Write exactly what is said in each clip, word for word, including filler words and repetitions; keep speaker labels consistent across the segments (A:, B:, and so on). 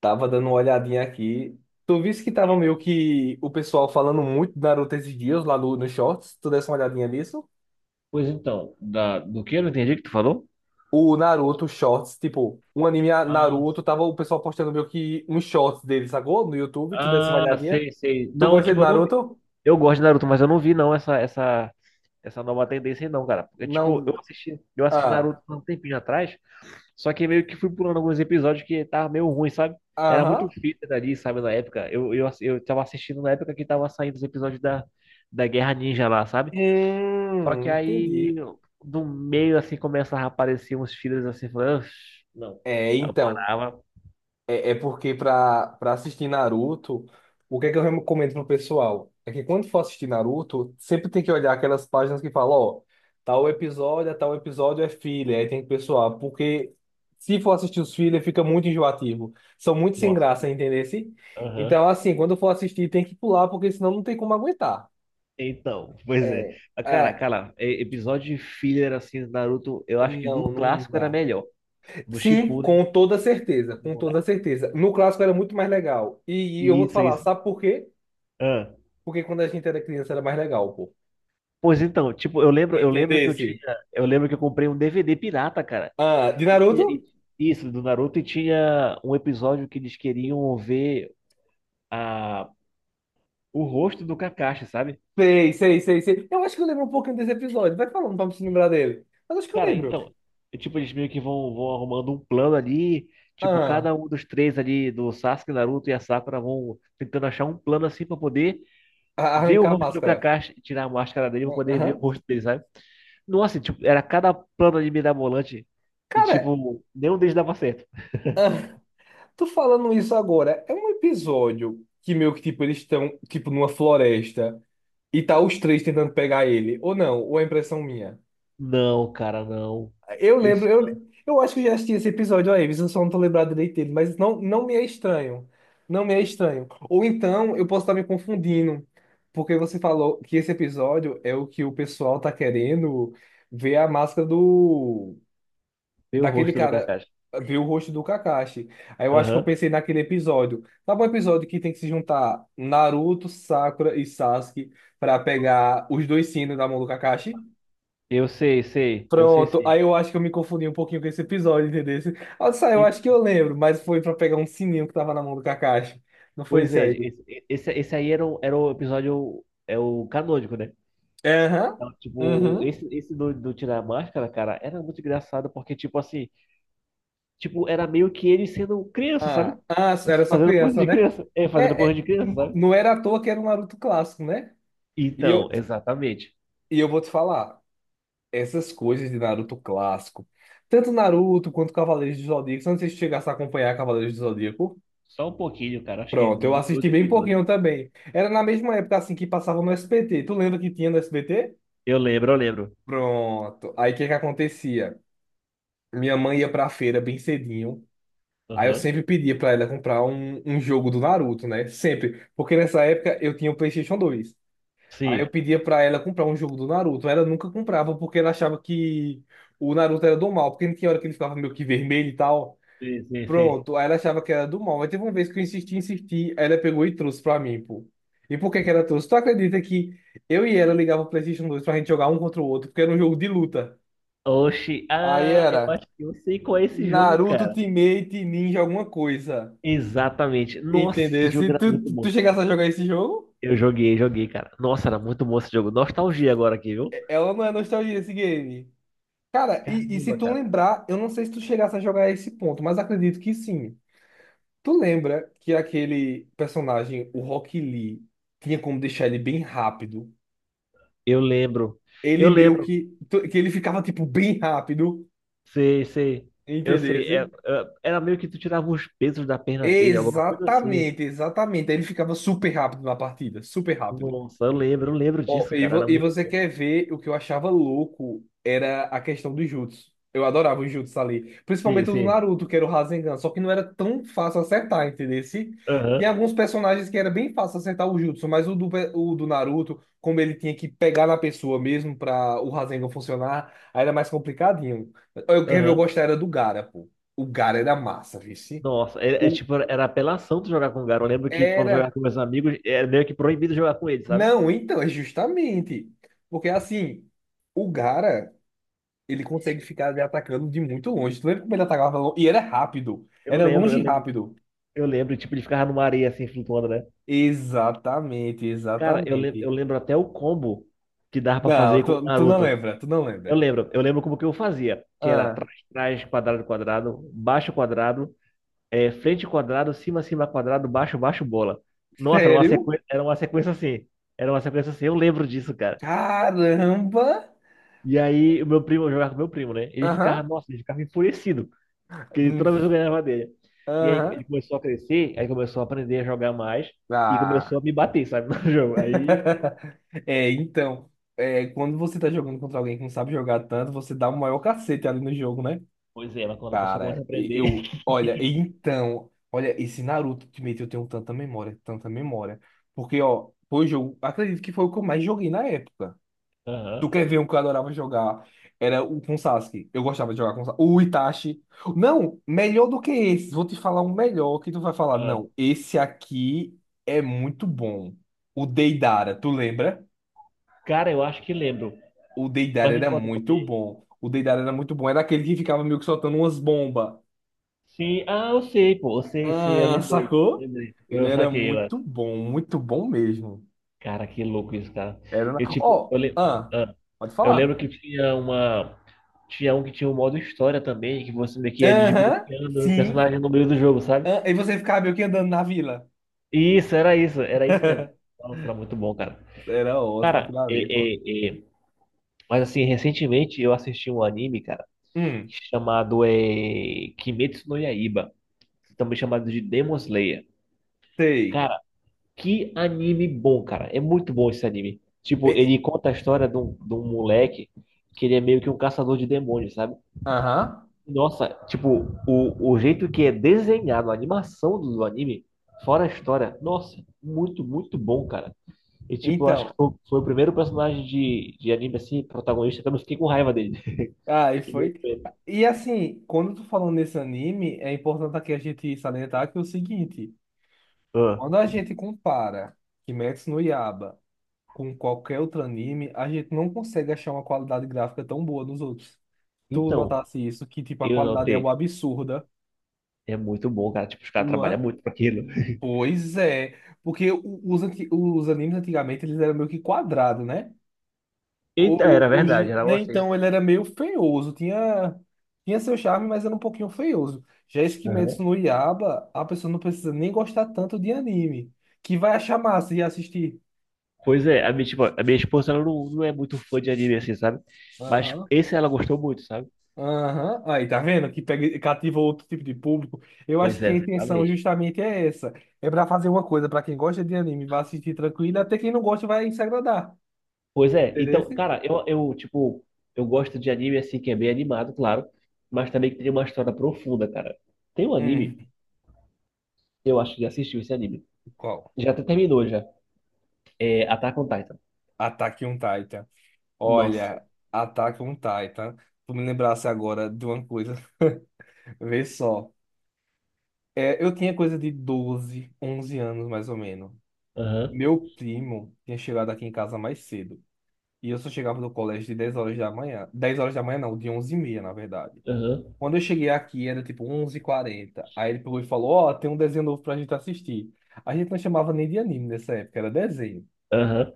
A: Tava dando uma olhadinha aqui. Tu viste que tava meio que o pessoal falando muito de Naruto esses dias lá no, nos shorts? Tu desse uma olhadinha nisso?
B: Pois então, da, do que eu não entendi o que tu falou?
A: O Naruto Shorts, tipo, um anime a-
B: Ah,
A: Naruto, tava o pessoal postando meio que uns shorts dele, sacou? No YouTube, tu desse uma
B: ah,
A: olhadinha.
B: sei, sei.
A: Tu
B: Não,
A: gosta de
B: tipo, eu não vi.
A: Naruto?
B: Eu gosto de Naruto, mas eu não vi não essa essa essa nova tendência aí, não, cara. Porque, tipo,
A: Não.
B: eu assisti, eu assisti
A: Ah.
B: Naruto há um tempinho atrás, só que meio que fui pulando alguns episódios que tava meio ruim, sabe? Era muito
A: Aham.
B: fita ali, sabe, na época. Eu, eu, ass- eu tava assistindo na época que tava saindo os episódios da, da Guerra Ninja lá, sabe? Só que
A: Hum,
B: aí,
A: entendi.
B: do meio, assim, começava a aparecer uns filhos assim, falando, não.
A: É,
B: Aí eu
A: então.
B: parava.
A: É, é porque pra para assistir Naruto, o que é que eu recomendo pro pessoal? É que quando for assistir Naruto, sempre tem que olhar aquelas páginas que falam, ó, tal episódio, a tal episódio é filler, aí tem que pessoal, porque se for assistir os filler, fica muito enjoativo. São muito sem
B: Nossa.
A: graça, entendeu? Assim?
B: Aham.
A: Então, assim, quando for assistir, tem que pular, porque senão não tem como aguentar.
B: Então, pois é.
A: É,
B: Mas, Cara,
A: é,
B: cara, é- episódio de filler assim do Naruto, eu acho que no
A: não, não
B: clássico era
A: dá.
B: melhor. Do
A: Sim,
B: Shippuden,
A: com toda
B: do
A: certeza,
B: Shippuden
A: com
B: não dá.
A: toda certeza. No clássico era muito mais legal. E, e eu vou te
B: Isso,
A: falar,
B: isso.
A: sabe por quê?
B: Ah.
A: Porque quando a gente era criança era mais legal, pô.
B: Pois então, tipo, eu lembro, eu lembro que eu tinha,
A: Entendesse?
B: eu lembro que eu comprei um D V D pirata, cara.
A: Ah, de
B: E tinha- e-
A: Naruto?
B: isso do Naruto e tinha um episódio que eles queriam ver a o rosto do Kakashi, sabe?
A: Sei, sei, sei, sei. Eu acho que eu lembro um pouquinho desse episódio. Vai falando pra me se lembrar dele. Mas acho que eu
B: Cara,
A: lembro.
B: então, é tipo, eles meio que vão, vão arrumando um plano ali. Tipo,
A: Ah,
B: cada um dos três ali, do Sasuke, Naruto e a Sakura, vão tentando achar um plano assim pra poder
A: a-
B: ver o
A: arrancar a
B: rosto do
A: máscara.
B: Kakashi, tirar a máscara dele pra
A: Ah,
B: poder ver o
A: aham.
B: rosto dele, sabe? Nossa, tipo, era cada plano ali mirabolante e,
A: Cara,
B: tipo, nenhum deles dava certo.
A: ah, tô falando isso agora. É um episódio que meio que, tipo, eles estão, tipo, numa floresta e tá os três tentando pegar ele. Ou não, ou é impressão minha?
B: Não, cara, não.
A: Eu lembro,
B: Esse não.
A: eu, eu acho que eu já assisti esse episódio aí, mas eu só não tô lembrado direito dele, mas não, não me é estranho. Não me é estranho. Ou então eu posso estar me confundindo, porque você falou que esse episódio é o que o pessoal tá querendo ver a máscara do
B: Ver o
A: daquele
B: rosto do
A: cara,
B: Kakashi.
A: ver o rosto do Kakashi. Aí eu acho que eu
B: Aham.
A: pensei naquele episódio. Sabe um episódio que tem que se juntar Naruto, Sakura e Sasuke para pegar os dois sinos da mão do Kakashi?
B: Eu sei, sei. Eu sei
A: Pronto,
B: sim.
A: aí eu acho que eu me confundi um pouquinho com esse episódio, entendeu? Ah, Sai, eu
B: E,
A: acho que eu lembro, mas foi pra pegar um sininho que tava na mão do Kakashi. Não foi
B: pois
A: esse
B: é,
A: aí?
B: esse, esse, esse aí era o, era o episódio, é o canônico, né?
A: É, aham.
B: Não, tipo,
A: Uhum.
B: esse, esse do, do Tirar a Máscara, cara, era muito engraçado, porque, tipo assim, tipo, era meio que ele sendo criança, sabe?
A: Ah, ah, era só
B: Fazendo coisa
A: criança,
B: de
A: né?
B: criança. É, fazendo
A: É,
B: coisa
A: é,
B: de criança,
A: n-
B: sabe?
A: não era à toa que era um Naruto clássico, né? E eu,
B: Então, exatamente.
A: e eu vou te falar, essas coisas de Naruto clássico, tanto Naruto quanto Cavaleiros do Zodíaco, se você chegasse a acompanhar Cavaleiros do Zodíaco,
B: Só um pouquinho, cara, acho que
A: pronto, eu
B: no- dois
A: assisti bem
B: episódios.
A: pouquinho também. Era na mesma época assim que passava no S B T. Tu lembra que tinha no S B T?
B: Eu lembro, eu lembro.
A: Pronto. Aí o que que acontecia? Minha mãe ia pra feira bem cedinho. Aí eu
B: Aham.
A: sempre pedia pra ela comprar um, um jogo do Naruto, né? Sempre. Porque nessa época eu tinha o PlayStation dois. Aí eu
B: Sim,
A: pedia pra ela comprar um jogo do Naruto. Ela nunca comprava porque ela achava que o Naruto era do mal. Porque não tinha hora que ele ficava meio que vermelho e tal.
B: sim, sim, sim.
A: Pronto. Aí ela achava que era do mal. Mas teve uma vez que eu insisti, insisti. Aí ela pegou e trouxe pra mim, pô. E por que que ela trouxe? Tu acredita que eu e ela ligava o PlayStation dois pra gente jogar um contra o outro? Porque era um jogo de luta.
B: Oxi,
A: Aí
B: ah, eu
A: era.
B: acho que eu sei qual é esse jogo,
A: Naruto
B: cara.
A: Ultimate Ninja alguma coisa.
B: Exatamente. Nossa, esse
A: Entendeu? Se
B: jogo era
A: tu,
B: muito
A: tu tu
B: bom.
A: chegasse a jogar esse jogo,
B: Eu joguei, joguei, cara. Nossa, era muito bom esse jogo. Nostalgia agora aqui, viu?
A: é- ela não é nostalgia esse game. Cara, e, e se
B: Caramba,
A: tu
B: cara.
A: lembrar, eu não sei se tu chegasse a jogar esse ponto, mas acredito que sim. Tu lembra que aquele personagem, o Rock Lee, tinha como deixar ele bem rápido?
B: Eu lembro. Eu
A: Ele meio
B: lembro.
A: que. tu- Que ele ficava, tipo, bem rápido.
B: Sei, sei. Eu sei. É,
A: Entendesse?
B: é, era meio que tu tirava os pesos da perna dele, alguma coisa assim.
A: Exatamente, exatamente. Aí ele ficava super rápido na partida, super rápido.
B: Nossa, eu lembro, eu lembro
A: Ó,
B: disso,
A: e,
B: cara.
A: vo-
B: Era
A: e
B: muito
A: você
B: bom.
A: quer ver o que eu achava louco era a questão dos jutsu. Eu adorava os jutsu ali.
B: Sim,
A: Principalmente o do
B: sim.
A: Naruto, que era o Rasengan. Só que não era tão fácil acertar, entendeu?
B: Aham,
A: Tinha alguns personagens que era bem fácil acertar o jutsu, mas o do, pe- o do Naruto, como ele tinha que pegar na pessoa mesmo pra o Rasengan funcionar, aí era mais complicadinho. Eu quero ver, eu
B: aham.
A: gostava era do Gaara, pô. O Gaara era massa, vice.
B: Nossa, é, é
A: O
B: tipo, era apelação tu jogar com o Garo. Eu lembro que quando eu jogava
A: era.
B: com meus amigos, era meio que proibido jogar com ele, sabe?
A: Não, então, é justamente. Porque assim, o Gaara. Ele consegue ficar me atacando de muito longe. Tu lembra como ele atacava longe? E era rápido.
B: Eu
A: Era
B: lembro,
A: longe
B: eu
A: e
B: lembro,
A: rápido.
B: eu lembro, tipo, ele ficava numa areia assim, flutuando, né?
A: Exatamente,
B: Cara, eu, lem-
A: exatamente.
B: eu lembro até o combo que dava pra
A: Não,
B: fazer com o
A: tu, tu não
B: Naruto.
A: lembra, tu não
B: Eu
A: lembra.
B: lembro, eu lembro como que eu fazia, que era
A: Ah,
B: trás, trás, quadrado, quadrado, baixo, quadrado, eh, frente, quadrado, cima, cima, quadrado, baixo, baixo, bola. Nossa, era uma
A: sério?
B: sequência, era uma sequência assim, era uma sequência assim, eu lembro disso, cara.
A: Caramba!
B: E aí, o meu primo, eu jogava com meu primo, né? Ele ficava,
A: Aham.
B: nossa, ele ficava enfurecido, porque
A: Hum,
B: toda vez eu ganhava dele. E aí,
A: aham.
B: ele começou a crescer, aí começou a aprender a jogar mais, e começou
A: Ah.
B: a me bater, sabe, no jogo. Aí,
A: É, então, é, quando você tá jogando contra alguém que não sabe jogar tanto, você dá o maior cacete ali no jogo, né?
B: pois é, mas quando a pessoa começa
A: Cara,
B: a aprender...
A: eu, olha, então, olha, esse Naruto Ultimate eu tenho tanta memória, tanta memória. Porque, ó, foi o jogo, acredito que foi o que eu mais joguei na época. Tu
B: Aham,
A: quer ver um que eu adorava jogar? Era o com Sasuke. Eu gostava de jogar com Sasuke. O Itachi. Não, melhor do que esse. Vou te falar um melhor que tu vai falar.
B: aham.
A: Não, esse aqui é muito bom. O Deidara, tu lembra?
B: Cara, eu acho que lembro,
A: O Deidara
B: mas me
A: era
B: conta um
A: muito
B: pouquinho.
A: bom. O Deidara era muito bom. Era aquele que ficava meio que soltando umas bombas.
B: Sim, ah, eu sei, pô. Eu sei, sim, eu
A: Ah,
B: lembrei.
A: sacou?
B: Lembrei.
A: Ele
B: Eu
A: era
B: saquei lá.
A: muito bom, muito bom mesmo.
B: Cara, que louco isso, cara.
A: Era na...
B: Eu, tipo,
A: Ó,
B: eu, le...
A: ah,
B: ah,
A: pode
B: eu
A: falar.
B: lembro que tinha uma. Tinha um que tinha um modo história também, que você meio que ia
A: Aham,
B: desbloqueando o
A: sim.
B: personagem no meio do jogo, sabe?
A: Ah, e você ficava meio que andando na vila.
B: Isso, era isso, era isso mesmo. Nossa, era muito bom, cara.
A: Era ótimo
B: Cara,
A: aquilo ali, pô.
B: é, é, é, mas assim, recentemente eu assisti um anime, cara,
A: Hum,
B: chamado é... Kimetsu no Yaiba, também chamado de Demon Slayer.
A: sei.
B: Cara, que anime bom, cara. É muito bom esse anime.
A: E-
B: Tipo, ele
A: e-
B: conta a história de um, de um moleque que ele é meio que um caçador de demônios, sabe?
A: Aham.
B: Nossa, tipo, o, o jeito que é desenhado, a animação do, do anime, fora a história, nossa, muito, muito bom, cara. E, tipo, eu acho que
A: Então,
B: foi, foi o primeiro personagem de, de anime, assim, protagonista, que eu não fiquei com raiva dele.
A: aí
B: Ele é
A: foi.
B: feio.
A: E assim, quando tu falando nesse anime, é importante aqui a gente salientar que é o seguinte,
B: Ah,
A: quando a gente compara Kimetsu no Yaiba com qualquer outro anime, a gente não consegue achar uma qualidade gráfica tão boa nos outros. Tu
B: então,
A: notasse isso, que tipo, a
B: eu
A: qualidade é
B: notei.
A: uma absurda,
B: É muito bom, cara. Tipo, os caras
A: não
B: trabalham
A: é?
B: muito pra aquilo.
A: Pois é, porque o- os, anti- os animes antigamente eles eram meio que quadrados, né?
B: Eita,
A: O- o-
B: era verdade,
A: Hoje,
B: era
A: né?
B: você.
A: Então ele era meio feioso, tinha, tinha seu charme, mas era um pouquinho feioso. Já esse Kimetsu no Yaiba, a pessoa não precisa nem gostar tanto de anime, que vai achar massa e assistir.
B: Pois é, a minha, tipo, a minha esposa ela não, não é muito fã de anime assim, sabe? Mas esse ela gostou muito, sabe?
A: Aham, aí, tá vendo? Que pega, cativa outro tipo de público. Eu
B: Pois
A: acho que
B: é,
A: a intenção
B: exatamente.
A: justamente é essa. É pra fazer uma coisa pra quem gosta de anime, vai assistir tranquilo, até quem não gosta vai se agradar.
B: Pois é, então,
A: Entendeu?
B: cara, eu, eu, tipo, eu gosto de anime assim que é bem animado, claro, mas também que tem uma história profunda, cara. Tem um anime,
A: Hum,
B: eu acho que já assistiu esse anime.
A: qual?
B: Já até terminou já. É Attack on Titan.
A: Ataque um Titan.
B: Nossa.
A: Olha, Ataque um Titan. Tu me lembrasse agora de uma coisa. Vê só. É, eu tinha coisa de doze, onze anos mais ou menos.
B: Aham,
A: Meu primo tinha chegado aqui em casa mais cedo. E eu só chegava no colégio de dez horas da manhã. Dez horas da manhã não, De onze e meia, na verdade.
B: aham,
A: Quando eu cheguei aqui, era tipo onze e quarenta. Aí ele pegou e falou, ó, tem um desenho novo pra gente assistir. A gente não chamava nem de anime nessa época, era desenho.
B: aham.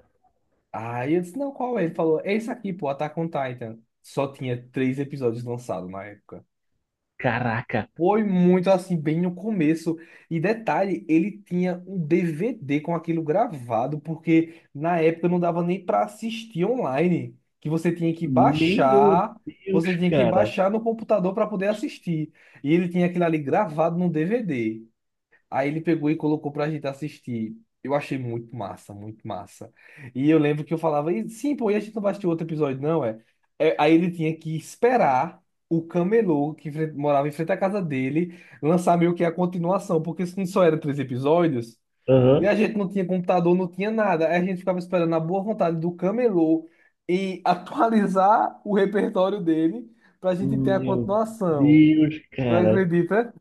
A: Aí eu disse, não, qual é? Ele falou, é esse aqui, pô, Attack on Titan. Só tinha três episódios lançados na época.
B: Caraca.
A: Foi muito assim, bem no começo. E detalhe, ele tinha um D V D com aquilo gravado, porque na época não dava nem para assistir online, que você tinha que
B: Meu
A: baixar, você
B: Deus,
A: tinha que
B: cara.
A: baixar no computador para poder assistir. E ele tinha aquilo ali gravado no D V D. Aí ele pegou e colocou pra gente assistir. Eu achei muito massa, muito massa. E eu lembro que eu falava, "E, sim, pô, e a gente não vai assistir outro episódio, não, é? É, aí ele tinha que esperar o camelô que fre- morava em frente à casa dele lançar meio que a continuação, porque se não só eram três episódios, e
B: Aham.
A: a gente não tinha computador, não tinha nada. Aí a gente ficava esperando a boa vontade do camelô e atualizar o repertório dele pra gente ter a
B: Meu
A: continuação.
B: Deus,
A: Tu
B: cara.
A: acredita?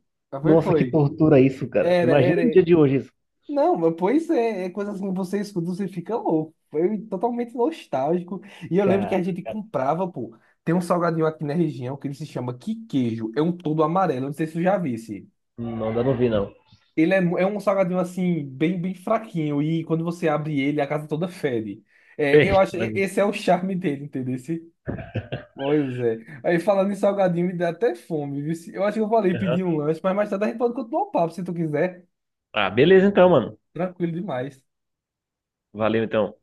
A: Foi,
B: Nossa, que
A: foi.
B: tortura isso, cara.
A: Era,
B: Imagina
A: era.
B: no dia de hoje isso.
A: Não, mas pois é, é coisa assim, você escuta, você fica louco. Foi totalmente nostálgico. E eu lembro que
B: Cara,
A: a gente
B: cara,
A: comprava, pô. Tem um salgadinho aqui na região que ele se chama Que Queijo. É um todo amarelo, não sei se tu já visse.
B: não dá, não vi, não.
A: Ele é, mu- é um salgadinho assim, bem, bem fraquinho. E quando você abre ele, a casa toda fede. É, eu
B: Ixi,
A: acho, e-
B: mas-
A: esse é o charme dele, entendeu? Esse- Pois é. Aí falando em salgadinho, me dá até fome, viu? Se- Eu acho que eu falei
B: aham.
A: pedir um lanche, mas mais tarde a gente pode continuar o papo se tu quiser.
B: Ah, beleza então, mano.
A: Tranquilo demais.
B: Valeu então.